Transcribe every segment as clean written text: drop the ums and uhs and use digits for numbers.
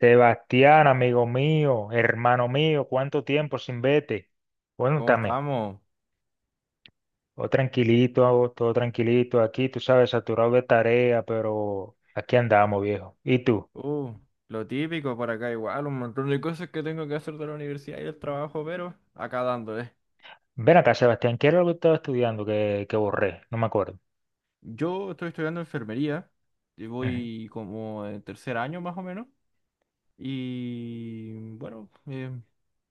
Sebastián, amigo mío, hermano mío, ¿cuánto tiempo sin vete? Bueno, ¿Cómo también, estamos? Todo tranquilito aquí, tú sabes, saturado de tarea, pero aquí andamos, viejo. ¿Y tú? Uh, lo típico por acá igual, un montón de cosas que tengo que hacer de la universidad y el trabajo, pero acá dándole. Ven acá, Sebastián, ¿qué era lo que estaba estudiando que borré? No me acuerdo. Yo estoy estudiando enfermería, y voy como en tercer año más o menos, y bueno,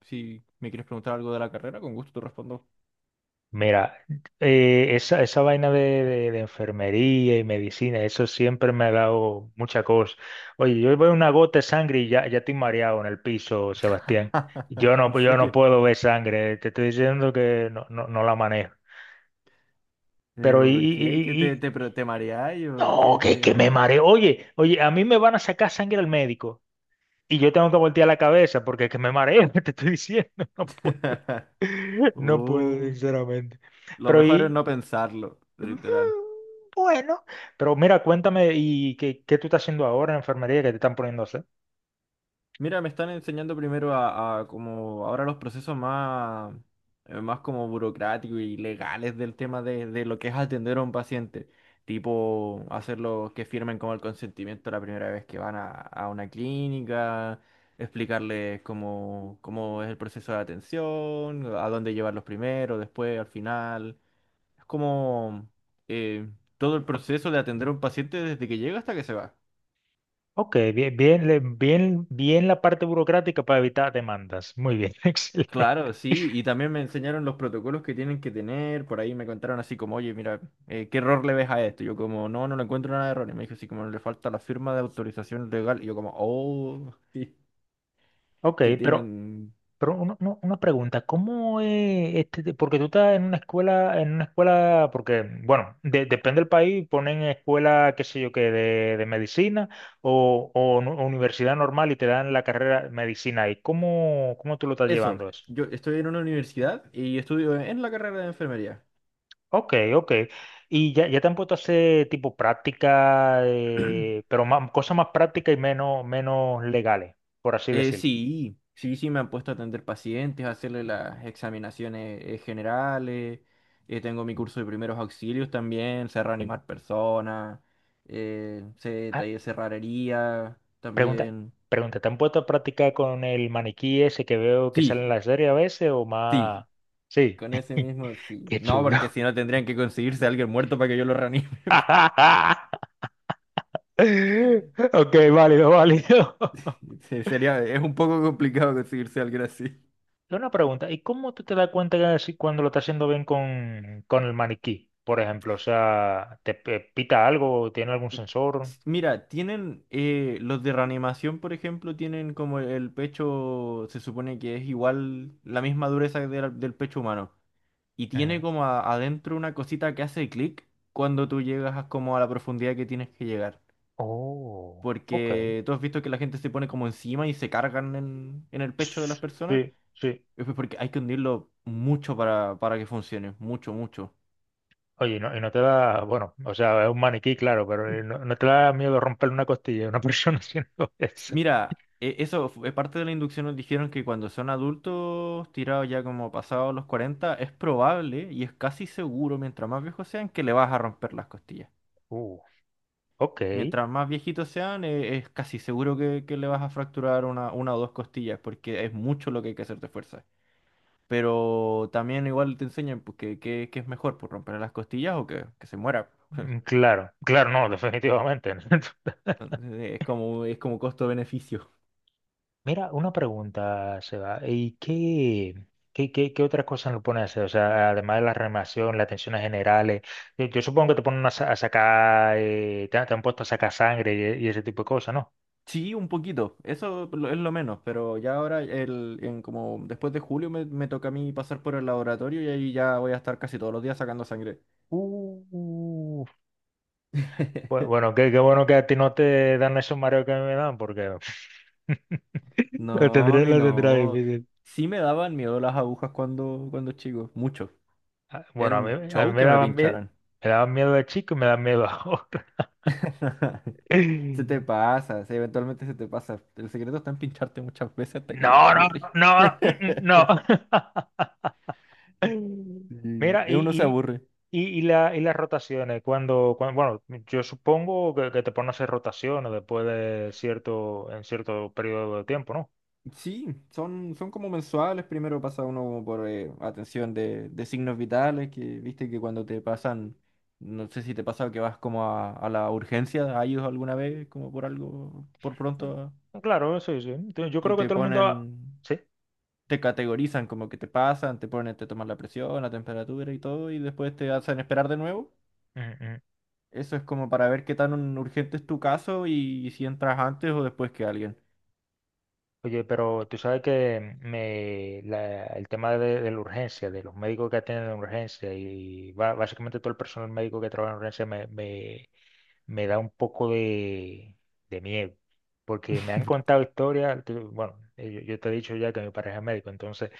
si me quieres preguntar algo de la carrera, con gusto te respondo. Mira, esa vaina de enfermería y medicina, eso siempre me ha dado mucha cosa. Oye, yo veo una gota de sangre y ya estoy mareado en el piso, Sebastián. Yo ¿En no, yo no serio? puedo ver sangre, te estoy diciendo que no, no, no la manejo. Pero Pero, ¿por qué? ¿Qué y- te mareáis o no, qué que te? me mareo. Oye, oye, a mí me van a sacar sangre al médico y yo tengo que voltear la cabeza porque es que me mareo, te estoy diciendo, no puedo, no puedo, Uh, sinceramente. lo Pero mejor es y... no pensarlo, Mm. literal. Bueno, pero mira, cuéntame, ¿y qué tú estás haciendo ahora en enfermería que te están poniendo a hacer? Mira, me están enseñando primero a como ahora los procesos más como burocráticos y legales del tema de lo que es atender a un paciente. Tipo, hacerlo que firmen como el consentimiento la primera vez que van a una clínica, explicarles cómo es el proceso de atención, a dónde llevarlos primero, después, al final. Es como eh, todo el proceso de atender a un paciente desde que llega hasta que se va. Ok, bien la parte burocrática para evitar demandas. Muy bien, excelente. Claro, sí, y también me enseñaron los protocolos que tienen que tener. Por ahí me contaron así como, oye, mira, ¿qué error le ves a esto? Yo como, no, no le encuentro nada de error, y me dijo así como, le falta la firma de autorización legal, y yo como, oh, sí, Ok, que pero, tienen pero una pregunta, ¿cómo es este, de- porque tú estás en una escuela, porque, bueno, de- depende del país, ponen escuela, qué sé yo, que de medicina o nu- universidad normal y te dan la carrera de medicina ahí. ¿Cómo, cómo tú lo estás eso. llevando eso? Yo estoy en una universidad y estudio en la carrera de enfermería. Ok, ok. Y ya te han puesto a hacer tipo práctica, pero más, cosas más prácticas y menos, menos legales, por así decirlo. Sí, sí, sí, me han puesto a atender pacientes, a hacerle las examinaciones generales. Tengo mi curso de primeros auxilios también, sé reanimar personas. Sé Ah, taller cerrajería pregunta, también. pregunta, ¿te han puesto a practicar con el maniquí ese que veo que sale Sí, en la serie a veces o sí, más? Sí. con ese mismo sí. Qué No, chulo. porque si no tendrían que conseguirse a alguien muerto para que yo lo reanime. Ok, válido, válido. Sería, es un poco complicado conseguirse a alguien así. Yo una pregunta, ¿y cómo tú te das cuenta que si- cuando lo estás haciendo bien con el maniquí, por ejemplo? O sea, ¿te pe- pita algo? ¿Tiene algún sensor? Mira, tienen los de reanimación, por ejemplo, tienen como el pecho, se supone que es igual la misma dureza del pecho humano. Y tiene Ujú. como adentro una cosita que hace clic cuando tú llegas como a la profundidad que tienes que llegar. Oh, ok. Porque tú has visto que la gente se pone como encima y se cargan en el pecho de las personas. Sí, sí. Es pues porque hay que hundirlo mucho para que funcione, mucho, mucho. Oye, y no te da, bueno, o sea, es un maniquí, claro, pero no, no te da miedo romperle una costilla a una persona haciendo Sí, eso. mira, eso es parte de la inducción. Nos dijeron que cuando son adultos, tirados ya como pasados los 40, es probable y es casi seguro, mientras más viejos sean, que le vas a romper las costillas. Uh, ok. Mientras más viejitos sean, es casi seguro que le vas a fracturar una o dos costillas, porque es mucho lo que hay que hacer de fuerza. Pero también igual te enseñan pues, que es mejor pues romper las costillas o que se muera. Mm. Claro, claro, no, definitivamente. Entonces, es como, es como costo-beneficio. Mira, una pregunta, Seba. ¿Y qué otras cosas lo ponen a hacer? O sea, además de la reanimación, las tensiones generales. Yo supongo que te ponen a, sa- a sacar, han te han puesto a sacar sangre y ese tipo de cosas, ¿no? Sí, un poquito, eso es lo menos, pero ya ahora, en como después de julio me toca a mí pasar por el laboratorio y ahí ya voy a estar casi todos los días sacando sangre. Uh, pues bueno, qué, qué bueno que a ti no te dan esos mareos que a mí me dan, porque No, a mí lo tendré no. difícil. Sí me daban miedo las agujas cuando chico, mucho. Ah. Bueno, Era un a mí show que me pincharan. me daban miedo de chico y me dan miedo ahora. Se te pasa, sí, eventualmente se te pasa. El secreto está en pincharte muchas veces hasta que ya No, te no, aburrí. no, no, no. No. Sí, Mira, de uno se y, aburre. y, y, y la, y las rotaciones, cuando, cuan- bueno, yo supongo que te ponen a hacer rotaciones después de cierto, en cierto periodo de tiempo, ¿no? Sí, son como mensuales. Primero pasa uno como por atención de signos vitales, que viste que cuando te pasan, no sé si te pasa que vas como a la urgencia, a ellos alguna vez, como por algo, por Mm. pronto, Claro, sí, sí. Entonces, yo y creo que te todo el mundo va- ponen, Sí. te categorizan como que te pasan, te ponen, te toman la presión, la temperatura y todo, y después te hacen esperar de nuevo. Mm, mm. Eso es como para ver qué tan urgente es tu caso y si entras antes o después que alguien. Oye, pero tú sabes que me, la- el tema de la urgencia, de los médicos que atienden urgencia y ba- básicamente todo el personal médico que trabaja en urgencia me da un poco de miedo, porque me han contado historias, te- bueno, yo te he dicho ya que mi pareja es médico, entonces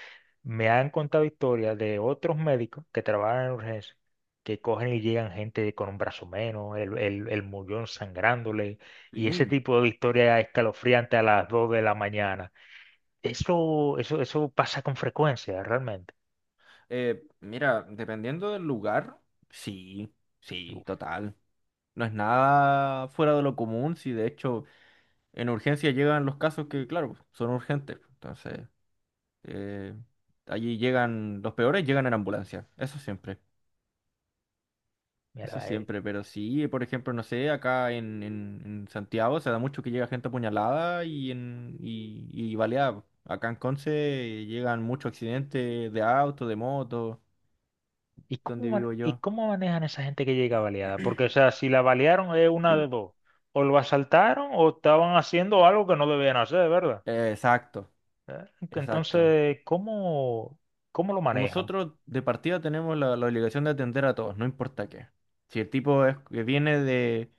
me han contado historias de otros médicos que trabajan en urgencias, que cogen y llegan gente con un brazo menos, el muñón sangrándole, y ese Sí. tipo de historias escalofriante a las 2 de la mañana. Eso pasa con frecuencia, realmente. Mira, dependiendo del lugar, sí, sí, Uf, total. No es nada fuera de lo común, si de hecho en urgencia llegan los casos que, claro, son urgentes pues. Entonces, eh, allí llegan los peores, llegan en ambulancia. Eso siempre, eso mierda. siempre. Pero sí, por ejemplo, no sé, acá en Santiago se da mucho que llega gente apuñalada y baleada pues. Acá en Conce llegan muchos accidentes de auto, de moto, ¿Y cómo, donde man- vivo y yo. cómo manejan esa gente que llega baleada? Porque, o sea, si la balearon es una de dos. O lo asaltaron o estaban haciendo algo que no debían hacer, ¿verdad? Exacto. ¿Eh? Exacto. Entonces, ¿cómo, cómo lo manejan? Nosotros de partida tenemos la obligación de atender a todos, no importa qué. Si el tipo es, que viene de,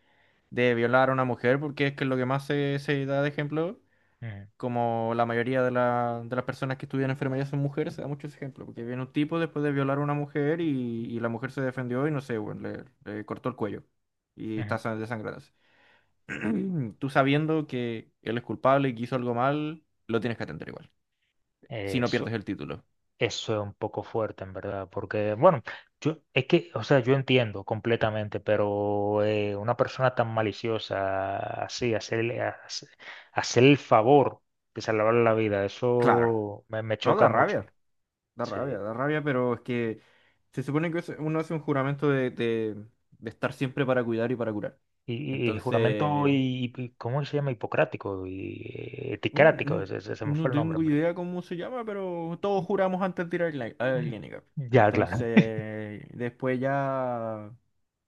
de violar a una mujer, porque es que es lo que más se da de ejemplo, Ujú, como la mayoría de las personas que estudian enfermería son mujeres, se da mucho ese ejemplo, porque viene un tipo después de violar a una mujer y la mujer se defendió y no sé, bueno, le cortó el cuello y está ujú. Desangrándose. Tú sabiendo que él es culpable y que hizo algo mal, lo tienes que atender igual, si no Eso, pierdes el título. eso es un poco fuerte, en verdad, porque, bueno, yo, es que, o sea, yo entiendo completamente, pero una persona tan maliciosa, así, hacer el favor de salvarle la vida, Claro, me no choca da rabia. mucho. Da rabia, Sí. da rabia, pero es que se supone que uno hace un juramento de estar siempre para cuidar y para curar. Y juramento, Entonces, ¿cómo se llama? Hipocrático y eticrático, no, me fue no el nombre, en tengo verdad. idea cómo se llama, pero todos juramos antes de ir a la Mm. clínica. Ya, claro. Entonces, después ya,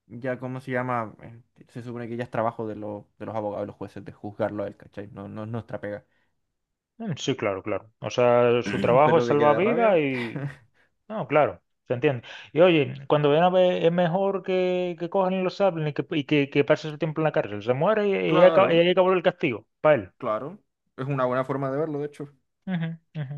ya, ¿cómo se llama? Se supone que ya es trabajo de los abogados y los jueces de juzgarlo a él, ¿cachai? No, no es nuestra pega. Mm. Sí, claro, claro. O sea, su trabajo es Pero de que salvar da vidas rabia, y... No, claro, se entiende. Y oye, cuando ven a ver, es mejor que cojan y lo saben y que pase su tiempo en la cárcel. Se muere y ya acaba- y claro, ahí acabó el castigo, para él. claro. Es una buena forma de verlo, de hecho. Ujú, ujú.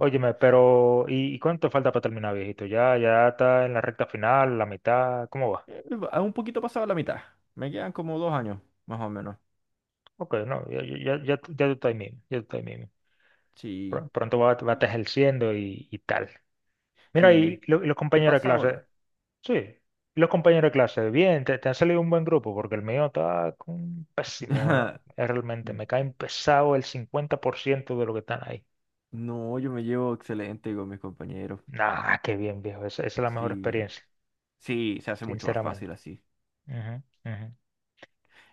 Óyeme, pero y cuánto falta para terminar, viejito? Ya, ya está en la recta final, la mitad, ¿cómo va? Eh, a un poquito pasado la mitad. Me quedan como 2 años, más o menos. Ok, no, ya tú ya estás ahí mismo, ya tú estás ahí mismo. Sí, Pr- Pronto va, va a estar sí. ejerciendo y tal. Mira, y Sí. lo- los ¿Te compañeros de pasa, hola? clase, sí, los compañeros de clase, bien, te han salido un buen grupo, porque el mío está con- pésimo, realmente, me caen pesado el 50% de lo que están ahí. No, yo me llevo excelente con mis compañeros. Nah, qué bien, viejo, esa es la mejor Sí, experiencia, sí, se hace mucho más sinceramente. fácil así. Ujú, ujú.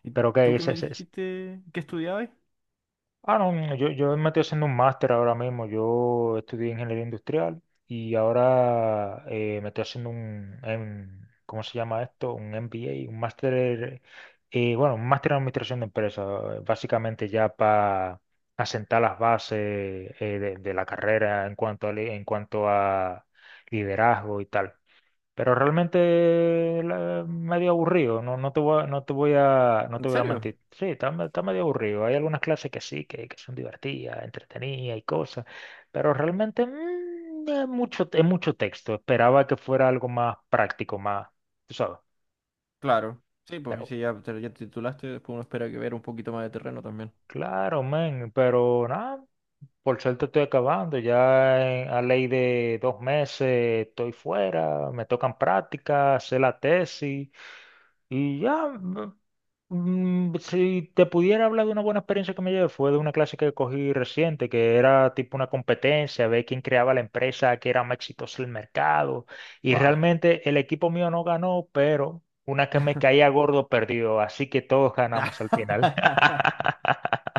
¿Y Pero que tú qué me dijiste que estudiabas? Ah, no, no, yo me estoy haciendo un máster ahora mismo. Yo estudié ingeniería industrial y ahora me estoy haciendo un, ¿cómo se llama esto? Un MBA, un máster, bueno, un máster en administración de empresas, básicamente ya para asentar las bases de la carrera en cuanto a, li- en cuanto a liderazgo y tal. Pero realmente la- medio aburrido, no, no te ¿En voy a serio? mentir. Sí, está medio aburrido. Hay algunas clases que sí, que son divertidas, entretenidas y cosas, pero realmente es mucho texto. Esperaba que fuera algo más práctico, más, tú sabes. Claro. Sí, Pero pues si ya te, ya te titulaste, después uno espera que ver un poquito más de terreno también. claro, men, pero nada, por suerte estoy acabando. Ya en- a ley de 2 meses estoy fuera, me tocan prácticas, hacer la tesis. Y ya, b- si te pudiera hablar de una buena experiencia que me llevé, fue de una clase que cogí reciente, que era tipo una competencia, ver quién creaba la empresa que era más exitosa del mercado. Y Bah. realmente el equipo mío no ganó, pero una que me caía gordo perdió, así que todos ganamos al final.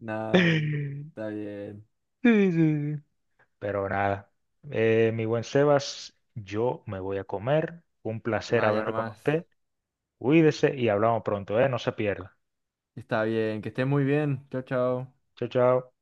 No, Sí, está bien. sí, sí. Pero nada, mi buen Sebas, yo me voy a comer. Un placer Vaya hablar con nomás. usted. Cuídese y hablamos pronto, ¿eh? No se pierda. Está bien, que estés muy bien. Chao, chao. Chao, chao.